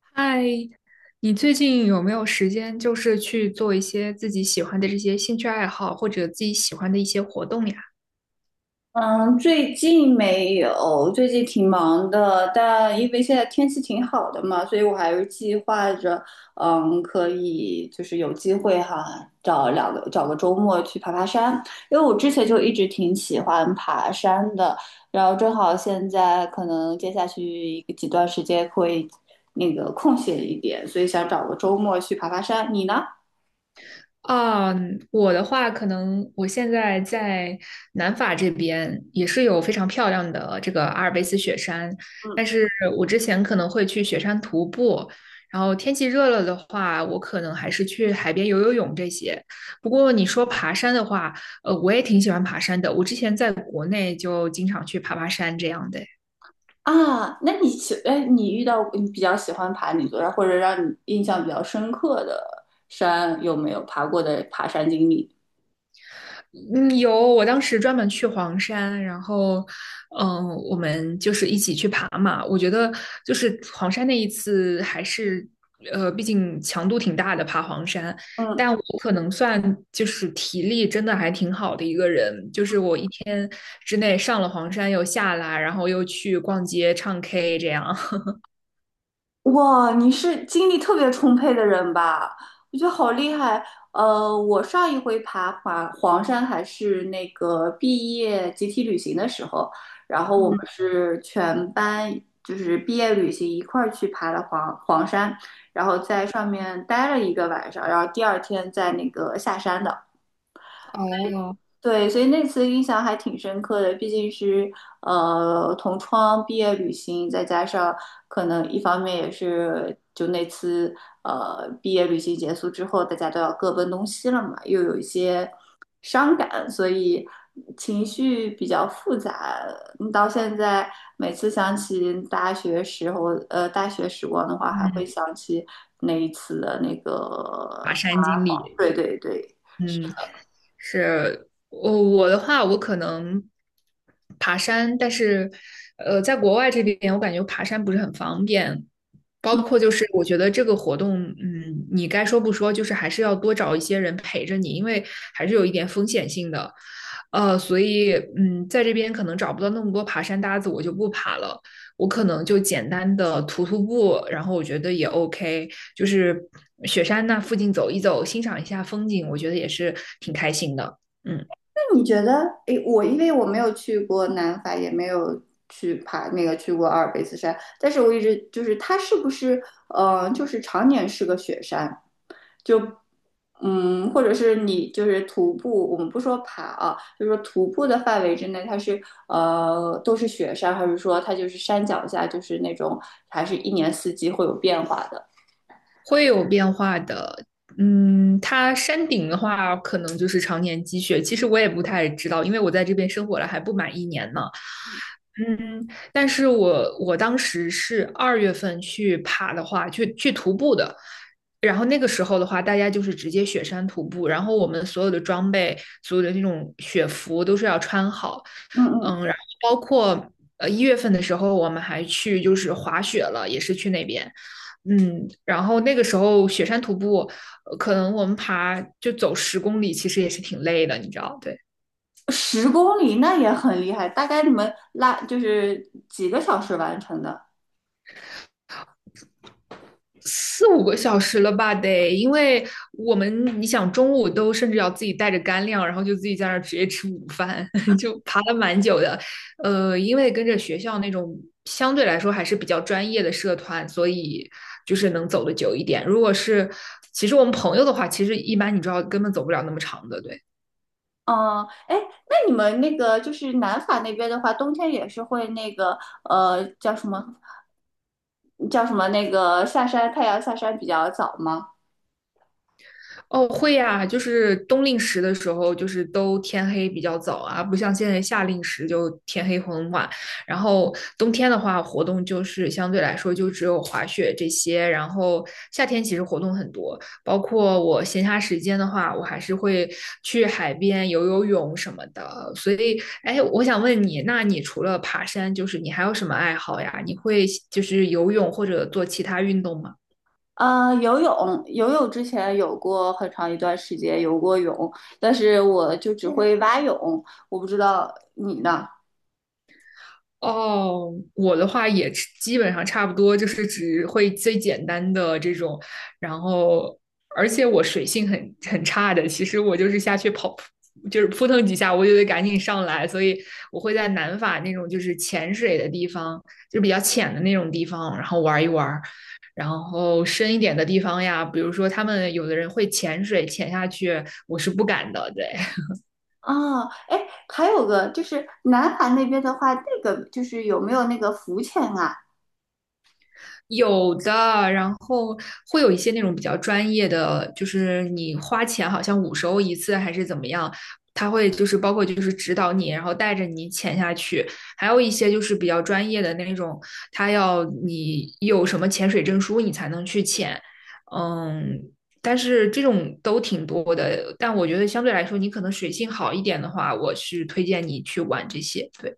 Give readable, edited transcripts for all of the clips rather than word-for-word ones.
嗨，你最近有没有时间，就是去做一些自己喜欢的这些兴趣爱好，或者自己喜欢的一些活动呀？嗯，最近没有，最近挺忙的，但因为现在天气挺好的嘛，所以我还是计划着，可以就是有机会哈，找个周末去爬爬山，因为我之前就一直挺喜欢爬山的，然后正好现在可能接下去几段时间会那个空闲一点，所以想找个周末去爬爬山。你呢？啊，我的话，可能我现在在南法这边也是有非常漂亮的这个阿尔卑斯雪山，嗯。但是我之前可能会去雪山徒步，然后天气热了的话，我可能还是去海边游游泳这些。不过你说爬山的话，我也挺喜欢爬山的，我之前在国内就经常去爬爬山这样的。啊，那你喜，哎，你遇到你比较喜欢爬哪座山，或者让你印象比较深刻的山，有没有爬过的爬山经历？嗯，有，我当时专门去黄山，然后，嗯，我们就是一起去爬嘛。我觉得就是黄山那一次还是，毕竟强度挺大的，爬黄山。嗯，但我可能算就是体力真的还挺好的一个人，就是我一天之内上了黄山又下来，然后又去逛街唱 K 这样。哇，你是精力特别充沛的人吧？我觉得好厉害。我上一回爬黄山还是那个毕业集体旅行的时候，然后我们嗯，是全班就是毕业旅行一块儿去爬了黄山，然后在上面待了一个晚上，然后第二天在那个下山的。哦，对，所以那次印象还挺深刻的，毕竟是同窗毕业旅行，再加上可能一方面也是就那次毕业旅行结束之后，大家都要各奔东西了嘛，又有一些伤感，所以情绪比较复杂。到现在每次想起大学时光的话，还会嗯想起那一次的那个，对对对。嗯。是，我的话，我可能爬山，但是在国外这边，我感觉爬山不是很方便。包嗯。括就是我觉得这个活动，你该说不说，就是还是要多找一些人陪着你，因为还是有一点风险性的。所以在这边可能找不到那么多爬山搭子，我就不爬了。我可能就简单的徒步，然后我觉得也 OK,就是雪山那附近走一走，欣赏一下风景，我觉得也是挺开心的。嗯，你觉得，诶，因为我没有去过南法，也没有去爬那个去过阿尔卑斯山，但是我一直就是它是不是，就是常年是个雪山，就，或者是你就是徒步，我们不说爬啊，就是说徒步的范围之内，它是都是雪山，还是说它就是山脚下就是那种还是一年四季会有变化的？会有变化的。它山顶的话，可能就是常年积雪。其实我也不太知道，因为我在这边生活了还不满一年呢。嗯，但是我当时是2月份去爬的话，去徒步的。然后那个时候的话，大家就是直接雪山徒步，然后我们所有的装备、所有的那种雪服都是要穿好。嗯嗯，然后包括1月份的时候，我们还去就是滑雪了，也是去那边。然后那个时候雪山徒步，可能我们爬就走10公里，其实也是挺累的，你知道，对，10公里那也很厉害，大概你们就是几个小时完成的？四五个小时了吧得，因为我们你想中午都甚至要自己带着干粮，然后就自己在那儿直接吃午饭，就爬了蛮久的。因为跟着学校那种相对来说还是比较专业的社团，所以就是能走得久一点。如果是其实我们朋友的话，其实一般你知道根本走不了那么长的，对。哦，哎，那你们那个就是南法那边的话，冬天也是会那个叫什么叫什么那个下山，太阳下山比较早吗？哦，会呀，就是冬令时的时候，就是都天黑比较早啊，不像现在夏令时就天黑很晚。然后冬天的话，活动就是相对来说就只有滑雪这些。然后夏天其实活动很多，包括我闲暇时间的话，我还是会去海边游游泳什么的。所以，哎，我想问你，那你除了爬山，就是你还有什么爱好呀？你会就是游泳或者做其他运动吗？游泳之前有过很长一段时间游过泳，但是我就只会蛙泳，我不知道你呢。哦，我的话也是基本上差不多，就是只会最简单的这种，然后而且我水性很差的，其实我就是下去跑，就是扑腾几下我就得赶紧上来，所以我会在南法那种就是潜水的地方，就比较浅的那种地方，然后玩一玩然后深一点的地方呀，比如说他们有的人会潜水潜下去，我是不敢的，对。啊，哎，还有个就是南法那边的话，那个就是有没有那个浮潜啊？有的，然后会有一些那种比较专业的，就是你花钱好像50欧一次还是怎么样，他会就是包括就是指导你，然后带着你潜下去，还有一些就是比较专业的那种，他要你有什么潜水证书你才能去潜，嗯，但是这种都挺多的，但我觉得相对来说你可能水性好一点的话，我是推荐你去玩这些，对，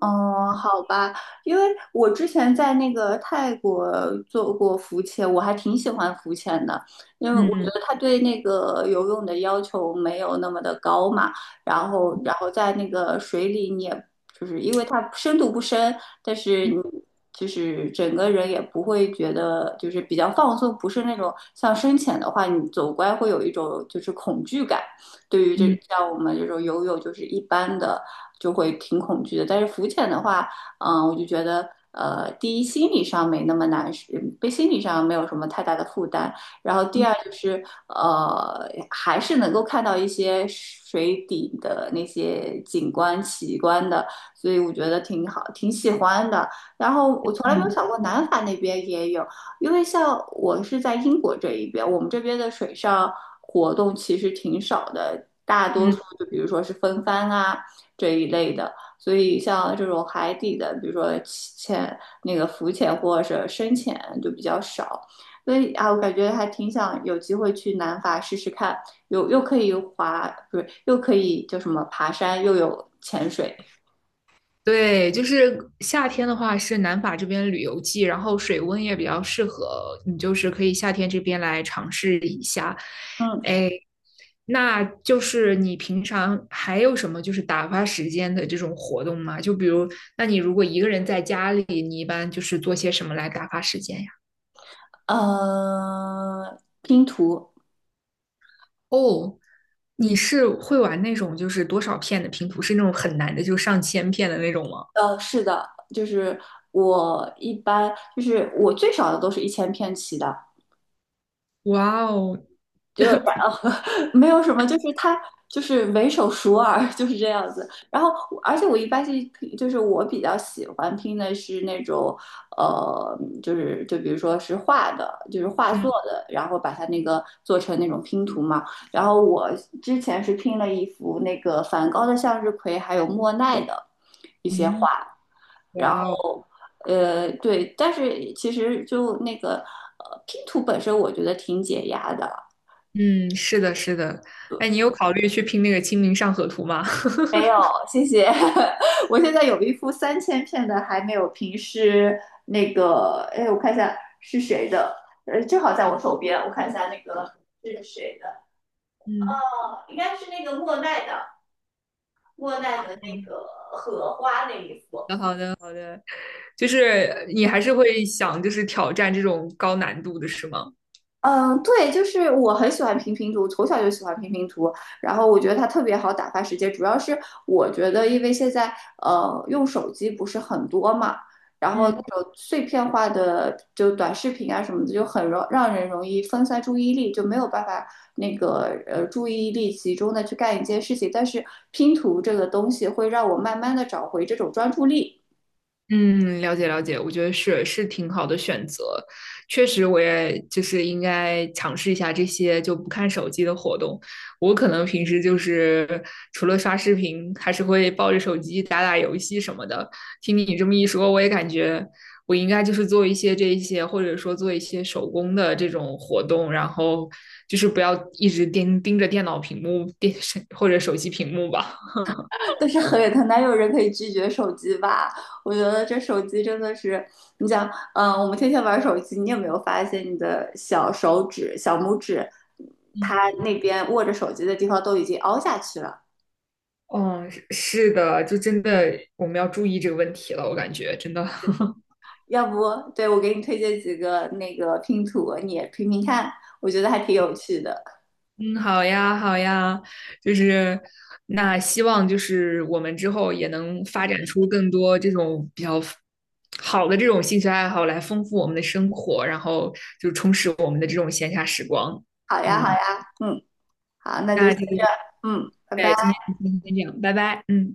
哦，好吧，因为我之前在那个泰国做过浮潜，我还挺喜欢浮潜的，因为我觉嗯得它对那个游泳的要求没有那么的高嘛，然后在那个水里，你也就是因为它深度不深，但是你嗯就是整个人也不会觉得就是比较放松，不是那种像深潜的话，你走过来会有一种就是恐惧感。对于这嗯像我们这种游泳，就是一般的就会挺恐惧的。但是浮潜的话，我就觉得，第一心理上没那么难，是被心理上没有什么太大的负担。然后第二就是，还是能够看到一些水底的那些景观奇观的，所以我觉得挺好，挺喜欢的。然后我从来没有嗯想过南法那边也有，因为像我是在英国这一边，我们这边的水上活动其实挺少的，大多数嗯。就比如说是风帆啊这一类的，所以像这种海底的，比如说那个浮潜或者是深潜就比较少。所以啊，我感觉还挺想有机会去南法试试看，又可以滑，不是又可以叫什么爬山，又有潜水，对，就是夏天的话是南法这边旅游季，然后水温也比较适合，你就是可以夏天这边来尝试一下。嗯哎，那就是你平常还有什么就是打发时间的这种活动吗？就比如，那你如果一个人在家里，你一般就是做些什么来打发时间呀？拼图。哦，你是会玩那种就是多少片的拼图，是那种很难的，就上千片的那种吗？是的，就是我一般就是我最少的都是1000片起的，哇哦，就然后 没有什么，就是它就是唯手熟耳就是这样子。然后我而且我一般是就是我比较喜欢拼的是那种就比如说是画的，就是画嗯作的，然后把它那个做成那种拼图嘛。然后我之前是拼了一幅那个梵高的向日葵，还有莫奈的。一些。嗯，哇哦。对，但是其实就那个拼图本身，我觉得挺解压的。嗯，是的，是的。哎，你有考虑去拼那个《清明上河图》吗？没有，谢谢。我现在有一幅3000片的还没有平，是那个，哎，我看一下是谁的，正好在我手边，我看一下那个是谁的。嗯，哦，应该是那个莫奈的，那好个荷花那一幅。的，好的，好的。就是你还是会想，就是挑战这种高难度的，是吗？嗯，对，就是我很喜欢拼拼图，从小就喜欢拼拼图，然后我觉得它特别好打发时间。主要是我觉得，因为现在用手机不是很多嘛，然后那嗯。种碎片化的就短视频啊什么的，就让人容易分散注意力，就没有办法那个注意力集中的去干一件事情。但是拼图这个东西会让我慢慢的找回这种专注力。嗯，了解了解，我觉得是是挺好的选择，确实我也就是应该尝试一下这些就不看手机的活动。我可能平时就是除了刷视频，还是会抱着手机打打游戏什么的。听你这么一说，我也感觉我应该就是做一些这一些，或者说做一些手工的这种活动，然后就是不要一直盯着电脑屏幕、电视或者手机屏幕吧。但是哪有人可以拒绝手机吧？我觉得这手机真的是，你想，我们天天玩手机，你有没有发现你的小手指、小拇指，它那边握着手机的地方都已经凹下去了？哦，是是的，就真的我们要注意这个问题了，我感觉真的。要不，对，我给你推荐几个那个拼图，你也拼拼看，我觉得还挺有趣的。嗯，好呀，好呀，就是那希望就是我们之后也能发展出更多这种比较好的这种兴趣爱好来丰富我们的生活，然后就充实我们的这种闲暇时光。好呀，好嗯，呀，嗯，好，那就那先这个这样，嗯，拜拜。对，今天就先这样，拜拜。嗯。